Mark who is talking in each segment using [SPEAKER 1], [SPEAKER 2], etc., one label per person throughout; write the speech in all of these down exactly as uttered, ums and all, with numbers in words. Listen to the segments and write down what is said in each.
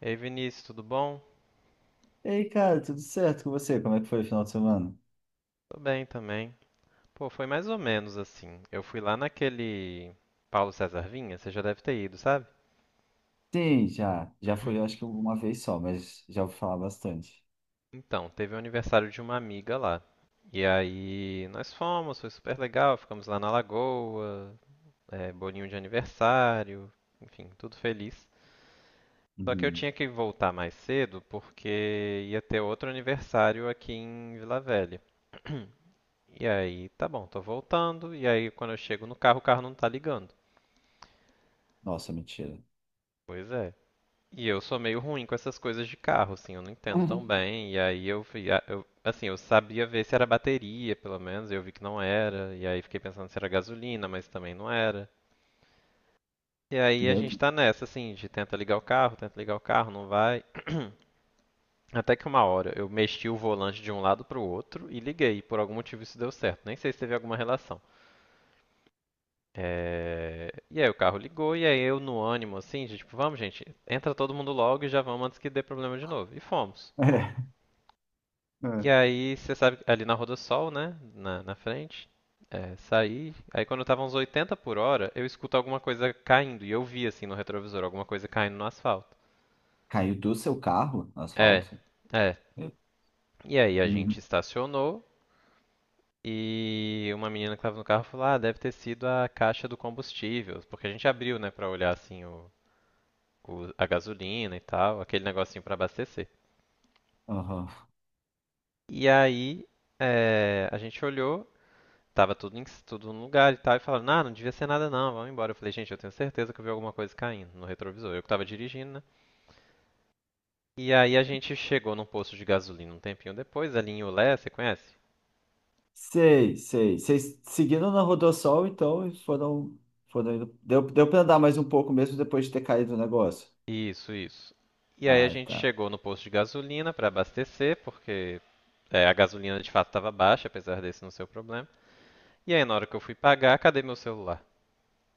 [SPEAKER 1] Ei, Vinícius, tudo bom?
[SPEAKER 2] Ei, cara, tudo certo com você? Como é que foi o final de semana?
[SPEAKER 1] Tô bem também. Pô, foi mais ou menos assim. Eu fui lá naquele Paulo César Vinha, você já deve ter ido, sabe?
[SPEAKER 2] Sim, já. Já fui, eu acho que uma vez só, mas já vou falar bastante.
[SPEAKER 1] Então, teve o aniversário de uma amiga lá. E aí nós fomos, foi super legal, ficamos lá na lagoa, é, bolinho de aniversário, enfim, tudo feliz. Só que eu
[SPEAKER 2] Uhum.
[SPEAKER 1] tinha que voltar mais cedo porque ia ter outro aniversário aqui em Vila Velha. E aí, tá bom, tô voltando, e aí quando eu chego no carro, o carro não tá ligando.
[SPEAKER 2] Nossa, mentira.
[SPEAKER 1] Pois é. E eu sou meio ruim com essas coisas de carro, assim, eu não entendo tão
[SPEAKER 2] Uhum.
[SPEAKER 1] bem. E aí eu fui, a- eu- assim, eu sabia ver se era bateria, pelo menos, e eu vi que não era. E aí fiquei pensando se era gasolina, mas também não era. E aí a
[SPEAKER 2] Meu
[SPEAKER 1] gente
[SPEAKER 2] Deus.
[SPEAKER 1] tá nessa, assim, de tenta ligar o carro, tenta ligar o carro, não vai. Até que uma hora eu mexi o volante de um lado pro outro e liguei. Por algum motivo isso deu certo, nem sei se teve alguma relação. É. E aí o carro ligou e aí eu no ânimo, assim, de tipo, vamos gente, entra todo mundo logo e já vamos antes que dê problema de novo. E fomos.
[SPEAKER 2] É.
[SPEAKER 1] E
[SPEAKER 2] É.
[SPEAKER 1] aí, você sabe, ali na Rodossol, né? Na, na frente. É, saí. Aí quando eu tava uns oitenta por hora, eu escuto alguma coisa caindo. E eu vi, assim, no retrovisor, alguma coisa caindo no asfalto.
[SPEAKER 2] Caiu do seu carro no
[SPEAKER 1] É,
[SPEAKER 2] asfalto?
[SPEAKER 1] é.
[SPEAKER 2] Eu-
[SPEAKER 1] E aí a gente
[SPEAKER 2] Uhum.
[SPEAKER 1] estacionou. E uma menina que tava no carro falou: Ah, deve ter sido a caixa do combustível. Porque a gente abriu, né, pra olhar, assim, o, o- a gasolina e tal, aquele negocinho pra abastecer.
[SPEAKER 2] Aham.
[SPEAKER 1] E aí, é, a gente olhou. Tava tudo, em, tudo no lugar e tal. E falaram, não não devia ser nada não, vamos embora. Eu falei, gente, eu tenho certeza que eu vi alguma coisa caindo no retrovisor. Eu que tava dirigindo, né? E aí a gente chegou num posto de gasolina um tempinho depois, ali em Ulé, você conhece?
[SPEAKER 2] Sei, sei. Vocês seguiram na Rodossol, então, e foram, foram indo. Deu, deu pra andar mais um pouco mesmo depois de ter caído o negócio.
[SPEAKER 1] Isso, isso. E aí a
[SPEAKER 2] Ah,
[SPEAKER 1] gente
[SPEAKER 2] tá.
[SPEAKER 1] chegou no posto de gasolina para abastecer, porque é, a gasolina de fato estava baixa, apesar desse não ser o problema. E aí na hora que eu fui pagar, cadê meu celular?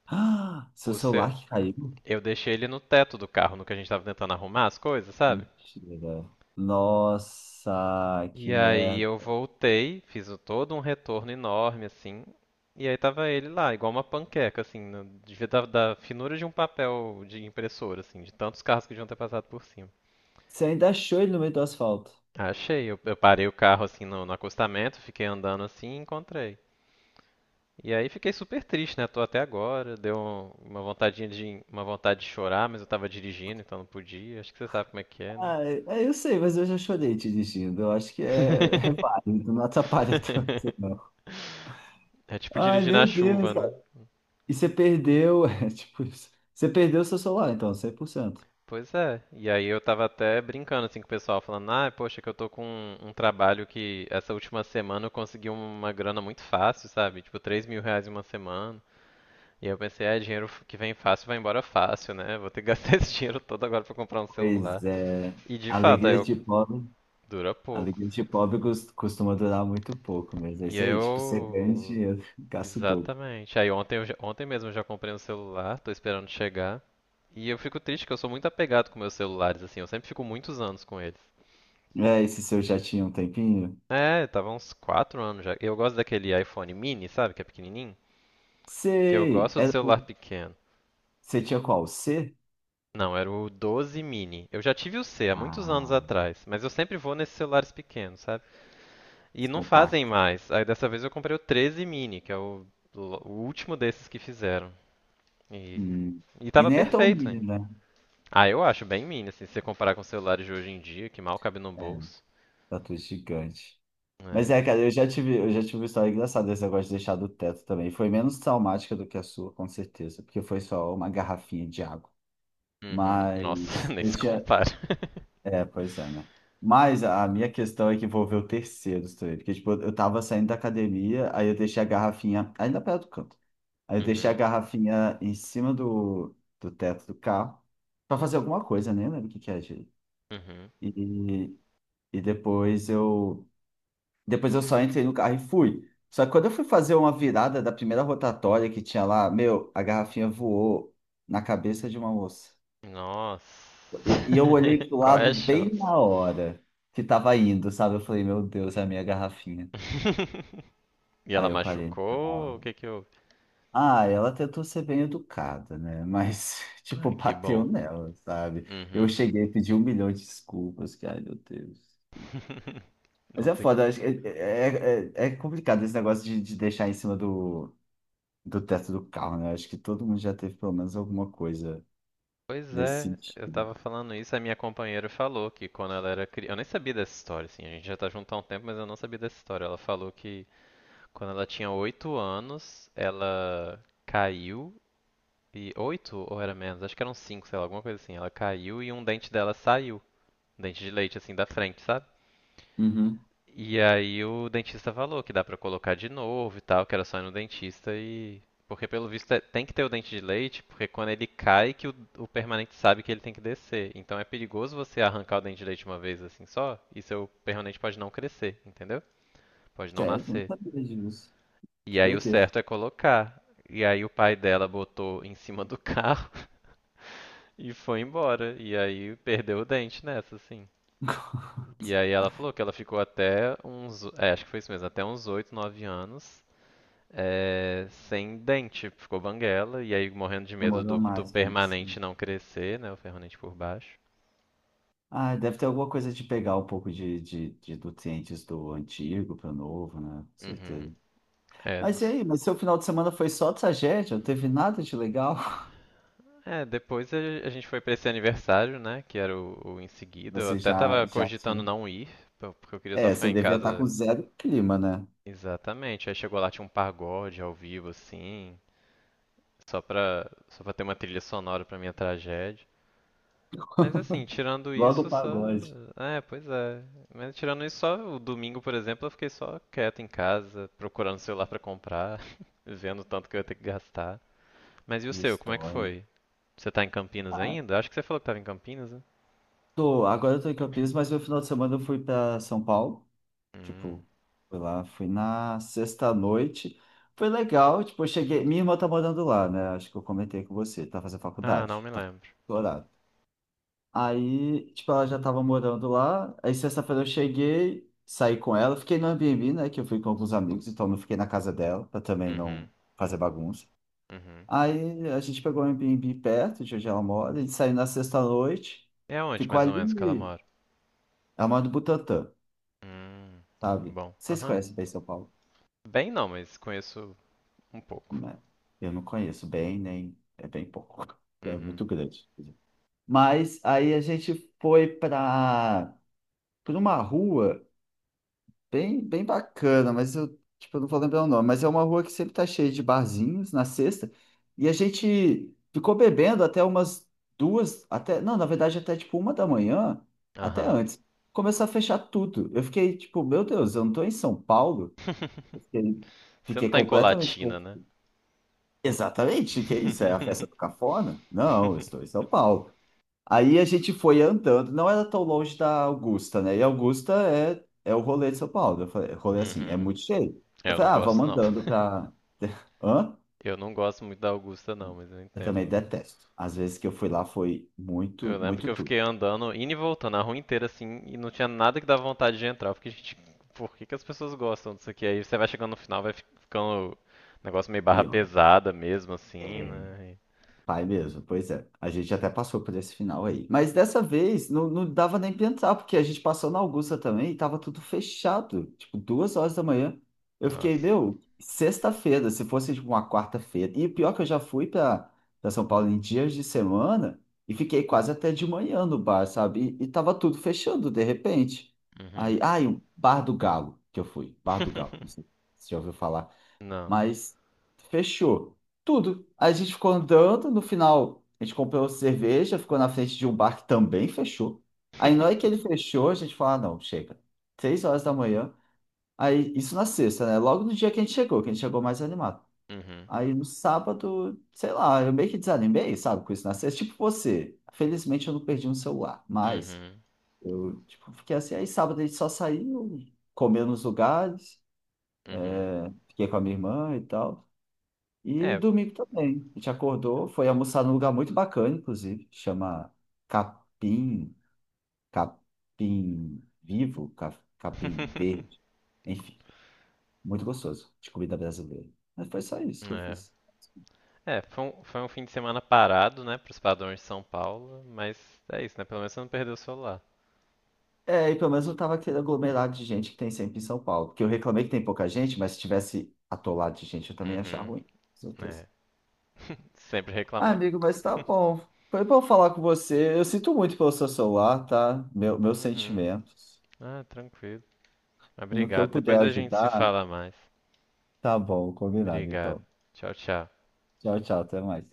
[SPEAKER 2] Ah, seu
[SPEAKER 1] O ce...
[SPEAKER 2] celular que caiu?
[SPEAKER 1] Eu deixei ele no teto do carro, no que a gente tava tentando arrumar as coisas, sabe?
[SPEAKER 2] Mentira. Nossa, que
[SPEAKER 1] E aí
[SPEAKER 2] merda.
[SPEAKER 1] eu voltei, fiz o- todo um retorno enorme, assim. E aí tava ele lá, igual uma panqueca, assim, no- devia da, da finura de um papel de impressora, assim, de tantos carros que deviam ter passado por cima.
[SPEAKER 2] Você ainda achou ele no meio do asfalto.
[SPEAKER 1] Achei, eu, eu parei o carro, assim, no, no acostamento, fiquei andando assim e encontrei. E aí fiquei super triste, né? Tô até agora, deu um- uma vontadinha de, uma vontade de chorar, mas eu tava dirigindo, então não podia. Acho que você sabe como é que é, né?
[SPEAKER 2] Ah, é, eu sei, mas eu já chorei te dirigindo. Eu acho que é, é válido, não atrapalha tanto, não.
[SPEAKER 1] É tipo
[SPEAKER 2] Ai,
[SPEAKER 1] dirigir na
[SPEAKER 2] meu
[SPEAKER 1] chuva,
[SPEAKER 2] Deus, cara.
[SPEAKER 1] né?
[SPEAKER 2] E você perdeu, é, tipo, isso. Você perdeu seu celular, então, cem por cento.
[SPEAKER 1] Pois é. E aí eu tava até brincando assim com o pessoal, falando, ah, poxa, que eu tô com um, um trabalho que essa última semana eu consegui uma grana muito fácil, sabe? Tipo, três mil reais em uma semana. E aí eu pensei, é, dinheiro f- que vem fácil vai embora fácil, né? Vou ter que gastar esse dinheiro todo agora pra comprar um
[SPEAKER 2] Pois
[SPEAKER 1] celular.
[SPEAKER 2] é,
[SPEAKER 1] E de fato, aí
[SPEAKER 2] alegria
[SPEAKER 1] eu
[SPEAKER 2] de pobre.
[SPEAKER 1] dura
[SPEAKER 2] A
[SPEAKER 1] pouco.
[SPEAKER 2] vida de pobre cos- costuma durar muito pouco mesmo. É
[SPEAKER 1] E
[SPEAKER 2] isso
[SPEAKER 1] aí
[SPEAKER 2] aí, tipo, você ganha
[SPEAKER 1] eu.
[SPEAKER 2] dinheiro, gasta o dobro.
[SPEAKER 1] Exatamente. Aí ontem, eu já- ontem mesmo eu já comprei um celular, tô esperando chegar. E eu fico triste que eu sou muito apegado com meus celulares, assim, eu sempre fico muitos anos com eles.
[SPEAKER 2] É, esse seu já tinha um tempinho?
[SPEAKER 1] É, tava uns quatro anos já. Eu gosto daquele iPhone mini, sabe? Que é pequenininho. Que eu
[SPEAKER 2] Sei!
[SPEAKER 1] gosto do
[SPEAKER 2] Era
[SPEAKER 1] celular
[SPEAKER 2] o-
[SPEAKER 1] pequeno.
[SPEAKER 2] você tinha qual? O C?
[SPEAKER 1] Não, era o doze mini. Eu já tive o C há muitos anos
[SPEAKER 2] Ah,
[SPEAKER 1] atrás, mas eu sempre vou nesses celulares pequenos, sabe? E
[SPEAKER 2] os
[SPEAKER 1] não fazem
[SPEAKER 2] compactos.
[SPEAKER 1] mais. Aí dessa vez eu comprei o treze mini, que é o, o último desses que fizeram. E,
[SPEAKER 2] Hum.
[SPEAKER 1] e
[SPEAKER 2] E
[SPEAKER 1] tava
[SPEAKER 2] nem é tão
[SPEAKER 1] perfeito,
[SPEAKER 2] mini,
[SPEAKER 1] hein?
[SPEAKER 2] né?
[SPEAKER 1] Ah, eu acho bem mini, assim, se você comparar com os celulares de hoje em dia, que mal cabe no
[SPEAKER 2] É,
[SPEAKER 1] bolso.
[SPEAKER 2] tatu gigante. Mas
[SPEAKER 1] É.
[SPEAKER 2] é, cara, eu já tive, eu já tive uma história engraçada desse negócio de deixar do teto também. Foi menos traumática do que a sua, com certeza, porque foi só uma garrafinha de água.
[SPEAKER 1] Uhum. Nossa,
[SPEAKER 2] Mas
[SPEAKER 1] nem
[SPEAKER 2] eu
[SPEAKER 1] se
[SPEAKER 2] tinha,
[SPEAKER 1] compara.
[SPEAKER 2] É, pois é, né? Mas a minha questão é que envolveu terceiros também, porque tipo, eu tava saindo da academia, aí eu deixei a garrafinha, ainda perto do canto, aí eu deixei a
[SPEAKER 1] Uhum.
[SPEAKER 2] garrafinha em cima do, do teto do carro pra fazer alguma coisa, nem lembro o que que é, gente.
[SPEAKER 1] Uhum.
[SPEAKER 2] E, e depois eu, depois eu só entrei no carro e fui. Só que quando eu fui fazer uma virada da primeira rotatória que tinha lá, meu, a garrafinha voou na cabeça de uma moça.
[SPEAKER 1] Nossa.
[SPEAKER 2] E, e eu olhei pro
[SPEAKER 1] Qual é
[SPEAKER 2] lado
[SPEAKER 1] a
[SPEAKER 2] bem
[SPEAKER 1] chance?
[SPEAKER 2] na hora que tava indo, sabe? Eu falei, meu Deus, é a minha garrafinha.
[SPEAKER 1] E ela
[SPEAKER 2] Aí eu parei.
[SPEAKER 1] machucou? O
[SPEAKER 2] Não.
[SPEAKER 1] que que houve?
[SPEAKER 2] Ah, ah, ela tentou ser bem educada, né? Mas, tipo,
[SPEAKER 1] Ai, que
[SPEAKER 2] bateu
[SPEAKER 1] bom.
[SPEAKER 2] nela, sabe? Eu
[SPEAKER 1] Uhum.
[SPEAKER 2] cheguei e pedi um milhão de desculpas, que, ai, meu Deus. Mas
[SPEAKER 1] Não
[SPEAKER 2] é
[SPEAKER 1] sei. co-
[SPEAKER 2] foda, acho que é, é, é- é complicado esse negócio de, de deixar em cima do, do teto do carro, né? Acho que todo mundo já teve pelo menos alguma coisa
[SPEAKER 1] Pois
[SPEAKER 2] nesse
[SPEAKER 1] é, eu
[SPEAKER 2] sentido.
[SPEAKER 1] tava falando isso, a minha companheira falou que quando ela era criança. Eu nem sabia dessa história, assim, a gente já tá junto há um tempo, mas eu não sabia dessa história. Ela falou que quando ela tinha oito anos, ela caiu e. oito ou era menos? Acho que eram cinco, sei lá, alguma coisa assim. Ela caiu e um dente dela saiu. Um dente de leite, assim, da frente, sabe?
[SPEAKER 2] Uhum.
[SPEAKER 1] E aí o dentista falou que dá pra colocar de novo e tal, que era só ir no dentista e. Porque pelo visto é- tem que ter o dente de leite, porque quando ele cai que o, o permanente sabe que ele tem que descer. Então é perigoso você arrancar o dente de leite uma vez assim só, e seu permanente pode não crescer, entendeu? Pode não
[SPEAKER 2] Sério, não
[SPEAKER 1] nascer.
[SPEAKER 2] sabia disso.
[SPEAKER 1] E
[SPEAKER 2] Que
[SPEAKER 1] aí o
[SPEAKER 2] doideira.
[SPEAKER 1] certo é colocar. E aí o pai dela botou em cima do carro e foi embora. E aí perdeu o dente nessa, assim. E aí ela falou que ela ficou até uns, é, acho que foi isso mesmo, até uns oito, nove anos. É, sem dente, ficou banguela, e aí morrendo de medo
[SPEAKER 2] Demorou
[SPEAKER 1] do, do
[SPEAKER 2] mais pra acontecer.
[SPEAKER 1] permanente não crescer, né? O permanente por baixo.
[SPEAKER 2] Ah, deve ter alguma coisa de pegar um pouco de, de, de nutrientes do antigo para o novo, né? Com
[SPEAKER 1] Uhum.
[SPEAKER 2] certeza.
[SPEAKER 1] É, não
[SPEAKER 2] Mas e
[SPEAKER 1] s-
[SPEAKER 2] aí? Mas seu final de semana foi só tragédia? Não teve nada de legal?
[SPEAKER 1] é, depois a a gente foi pra esse aniversário, né? Que era o, o em seguida. Eu
[SPEAKER 2] Você
[SPEAKER 1] até
[SPEAKER 2] já,
[SPEAKER 1] tava
[SPEAKER 2] já
[SPEAKER 1] cogitando
[SPEAKER 2] tinha.
[SPEAKER 1] não ir, po- porque eu queria só
[SPEAKER 2] É,
[SPEAKER 1] ficar
[SPEAKER 2] você
[SPEAKER 1] em
[SPEAKER 2] devia estar com
[SPEAKER 1] casa.
[SPEAKER 2] zero clima, né?
[SPEAKER 1] Exatamente. Aí chegou lá, tinha um pagode ao vivo, assim, só pra, só pra ter uma trilha sonora pra minha tragédia. Mas assim, tirando
[SPEAKER 2] Logo
[SPEAKER 1] isso,
[SPEAKER 2] o
[SPEAKER 1] só.
[SPEAKER 2] pagode.
[SPEAKER 1] É, pois é. Mas tirando isso, só o domingo, por exemplo, eu fiquei só quieto em casa, procurando celular pra comprar, vendo o tanto que eu ia ter que gastar. Mas e o
[SPEAKER 2] Que
[SPEAKER 1] seu, como é que
[SPEAKER 2] história.
[SPEAKER 1] foi? Você tá em Campinas
[SPEAKER 2] Ah,
[SPEAKER 1] ainda? Acho que você falou que tava em Campinas, né?
[SPEAKER 2] tô, agora eu tô em Campinas, mas meu final de semana eu fui para São Paulo.
[SPEAKER 1] Hum.
[SPEAKER 2] Tipo, fui lá, fui na sexta-noite. Foi legal, tipo, eu cheguei. Minha irmã tá morando lá, né? Acho que eu comentei com você, tá fazendo
[SPEAKER 1] Ah, não
[SPEAKER 2] faculdade,
[SPEAKER 1] me
[SPEAKER 2] tá
[SPEAKER 1] lembro.
[SPEAKER 2] doutorado. Aí, tipo, ela já tava morando lá. Aí, sexta-feira eu cheguei, saí com ela. Fiquei no Airbnb, né? Que eu fui com alguns amigos, então não fiquei na casa dela, pra também
[SPEAKER 1] Uhum,
[SPEAKER 2] não fazer bagunça.
[SPEAKER 1] uhum.
[SPEAKER 2] Aí, a gente pegou um Airbnb perto de onde ela mora. A gente saiu na sexta-noite,
[SPEAKER 1] E aonde
[SPEAKER 2] ficou
[SPEAKER 1] mais ou menos que ela
[SPEAKER 2] ali.
[SPEAKER 1] mora?
[SPEAKER 2] Ela mora no Butantã,
[SPEAKER 1] Hum,
[SPEAKER 2] sabe?
[SPEAKER 1] bom,
[SPEAKER 2] Vocês
[SPEAKER 1] aham.
[SPEAKER 2] conhecem bem São Paulo?
[SPEAKER 1] Bem não, mas conheço um pouco.
[SPEAKER 2] Não é? Eu não conheço bem, nem. É bem pouco. É
[SPEAKER 1] Uhum,
[SPEAKER 2] muito grande. Mas aí a gente foi pra, pra uma rua. Bem, bem bacana, mas eu, tipo, eu não vou lembrar o nome, mas é uma rua que sempre tá cheia de barzinhos na sexta, e a gente ficou bebendo até umas duas, até, não, na verdade até tipo uma da manhã, até
[SPEAKER 1] aham,
[SPEAKER 2] antes, começou a fechar tudo. Eu fiquei tipo, meu Deus, eu não tô em São Paulo? Eu fiquei, fiquei completamente
[SPEAKER 1] né?
[SPEAKER 2] confuso. Exatamente, que é isso? É a festa do cafona? Não, eu estou em São Paulo. Aí a gente foi andando, não era tão longe da Augusta, né? E Augusta é, é o rolê de São Paulo. Eu falei, rolê assim, é
[SPEAKER 1] Uhum.
[SPEAKER 2] muito cheio.
[SPEAKER 1] É,
[SPEAKER 2] Eu
[SPEAKER 1] eu não
[SPEAKER 2] falei, ah,
[SPEAKER 1] gosto
[SPEAKER 2] vamos
[SPEAKER 1] não.
[SPEAKER 2] andando pra. Hã?
[SPEAKER 1] Eu não gosto muito da Augusta, não, mas eu
[SPEAKER 2] Eu também
[SPEAKER 1] entendo.
[SPEAKER 2] detesto. Às vezes que eu fui lá foi
[SPEAKER 1] Eu
[SPEAKER 2] muito,
[SPEAKER 1] lembro que
[SPEAKER 2] muito
[SPEAKER 1] eu
[SPEAKER 2] tudo.
[SPEAKER 1] fiquei andando, indo e voltando a rua inteira, assim, e não tinha nada que dava vontade de entrar. Porque, gente, por que que as pessoas gostam disso aqui? Aí você vai chegando no final, vai fi- ficando um negócio meio barra
[SPEAKER 2] Pior.
[SPEAKER 1] pesada mesmo, assim,
[SPEAKER 2] É,
[SPEAKER 1] né?
[SPEAKER 2] pai mesmo, pois é. A gente até passou por esse final aí. Mas dessa vez não, não dava nem pensar, porque a gente passou na Augusta também e tava tudo fechado. Tipo, duas horas da manhã. Eu
[SPEAKER 1] E-
[SPEAKER 2] fiquei,
[SPEAKER 1] Nossa.
[SPEAKER 2] meu, sexta-feira, se fosse tipo uma quarta-feira. E o pior é que eu já fui pra, pra São Paulo em dias de semana e fiquei quase até de manhã no bar, sabe? E, e tava tudo fechando de repente. Aí,
[SPEAKER 1] Uhum.
[SPEAKER 2] ai, o Bar do Galo que eu fui. Bar do Galo, não sei se você já ouviu falar.
[SPEAKER 1] Não.
[SPEAKER 2] Mas fechou tudo. A gente ficou andando, no final a gente comprou cerveja, ficou na frente de um bar que também fechou. Aí na hora que ele fechou, a gente falou, ah, não, chega. Seis horas da manhã. Aí, isso na sexta, né? Logo no dia que a gente chegou, que a gente chegou mais animado.
[SPEAKER 1] Uhum.
[SPEAKER 2] Aí no sábado, sei lá, eu meio que desanimei, sabe, com isso na sexta. Tipo você. Felizmente eu não perdi um celular, mas
[SPEAKER 1] Uhum.
[SPEAKER 2] eu, tipo, fiquei assim. Aí sábado a gente só saiu, comeu nos lugares,
[SPEAKER 1] Uhum.
[SPEAKER 2] fiquei com a minha irmã e tal. E
[SPEAKER 1] É.
[SPEAKER 2] domingo também. A gente acordou, foi almoçar num lugar muito bacana, inclusive, chama Capim, Capim Vivo, Ca- Capim Verde. Enfim, muito gostoso de comida brasileira. Mas foi só isso que eu
[SPEAKER 1] É.
[SPEAKER 2] fiz.
[SPEAKER 1] É, foi um, foi um fim de semana parado, né, pros padrões de São Paulo, mas é isso, né? Pelo menos você não perdeu o celular.
[SPEAKER 2] É, e pelo menos não tava aquele aglomerado de gente que tem sempre em São Paulo. Porque eu reclamei que tem pouca gente, mas se tivesse atolado de gente, eu também ia achar
[SPEAKER 1] Uhum.
[SPEAKER 2] ruim, com certeza.
[SPEAKER 1] É, sempre
[SPEAKER 2] Ah,
[SPEAKER 1] reclamando.
[SPEAKER 2] amigo, mas tá bom. Foi bom falar com você. Eu sinto muito pelo seu celular, tá? Meu, meus
[SPEAKER 1] Uhum.
[SPEAKER 2] sentimentos.
[SPEAKER 1] Ah, tranquilo.
[SPEAKER 2] E no que eu
[SPEAKER 1] Obrigado. Depois
[SPEAKER 2] puder
[SPEAKER 1] a gente se
[SPEAKER 2] ajudar.
[SPEAKER 1] fala mais.
[SPEAKER 2] Tá bom, combinado
[SPEAKER 1] Obrigado.
[SPEAKER 2] então.
[SPEAKER 1] Tchau, tchau.
[SPEAKER 2] Tchau, tchau, até mais.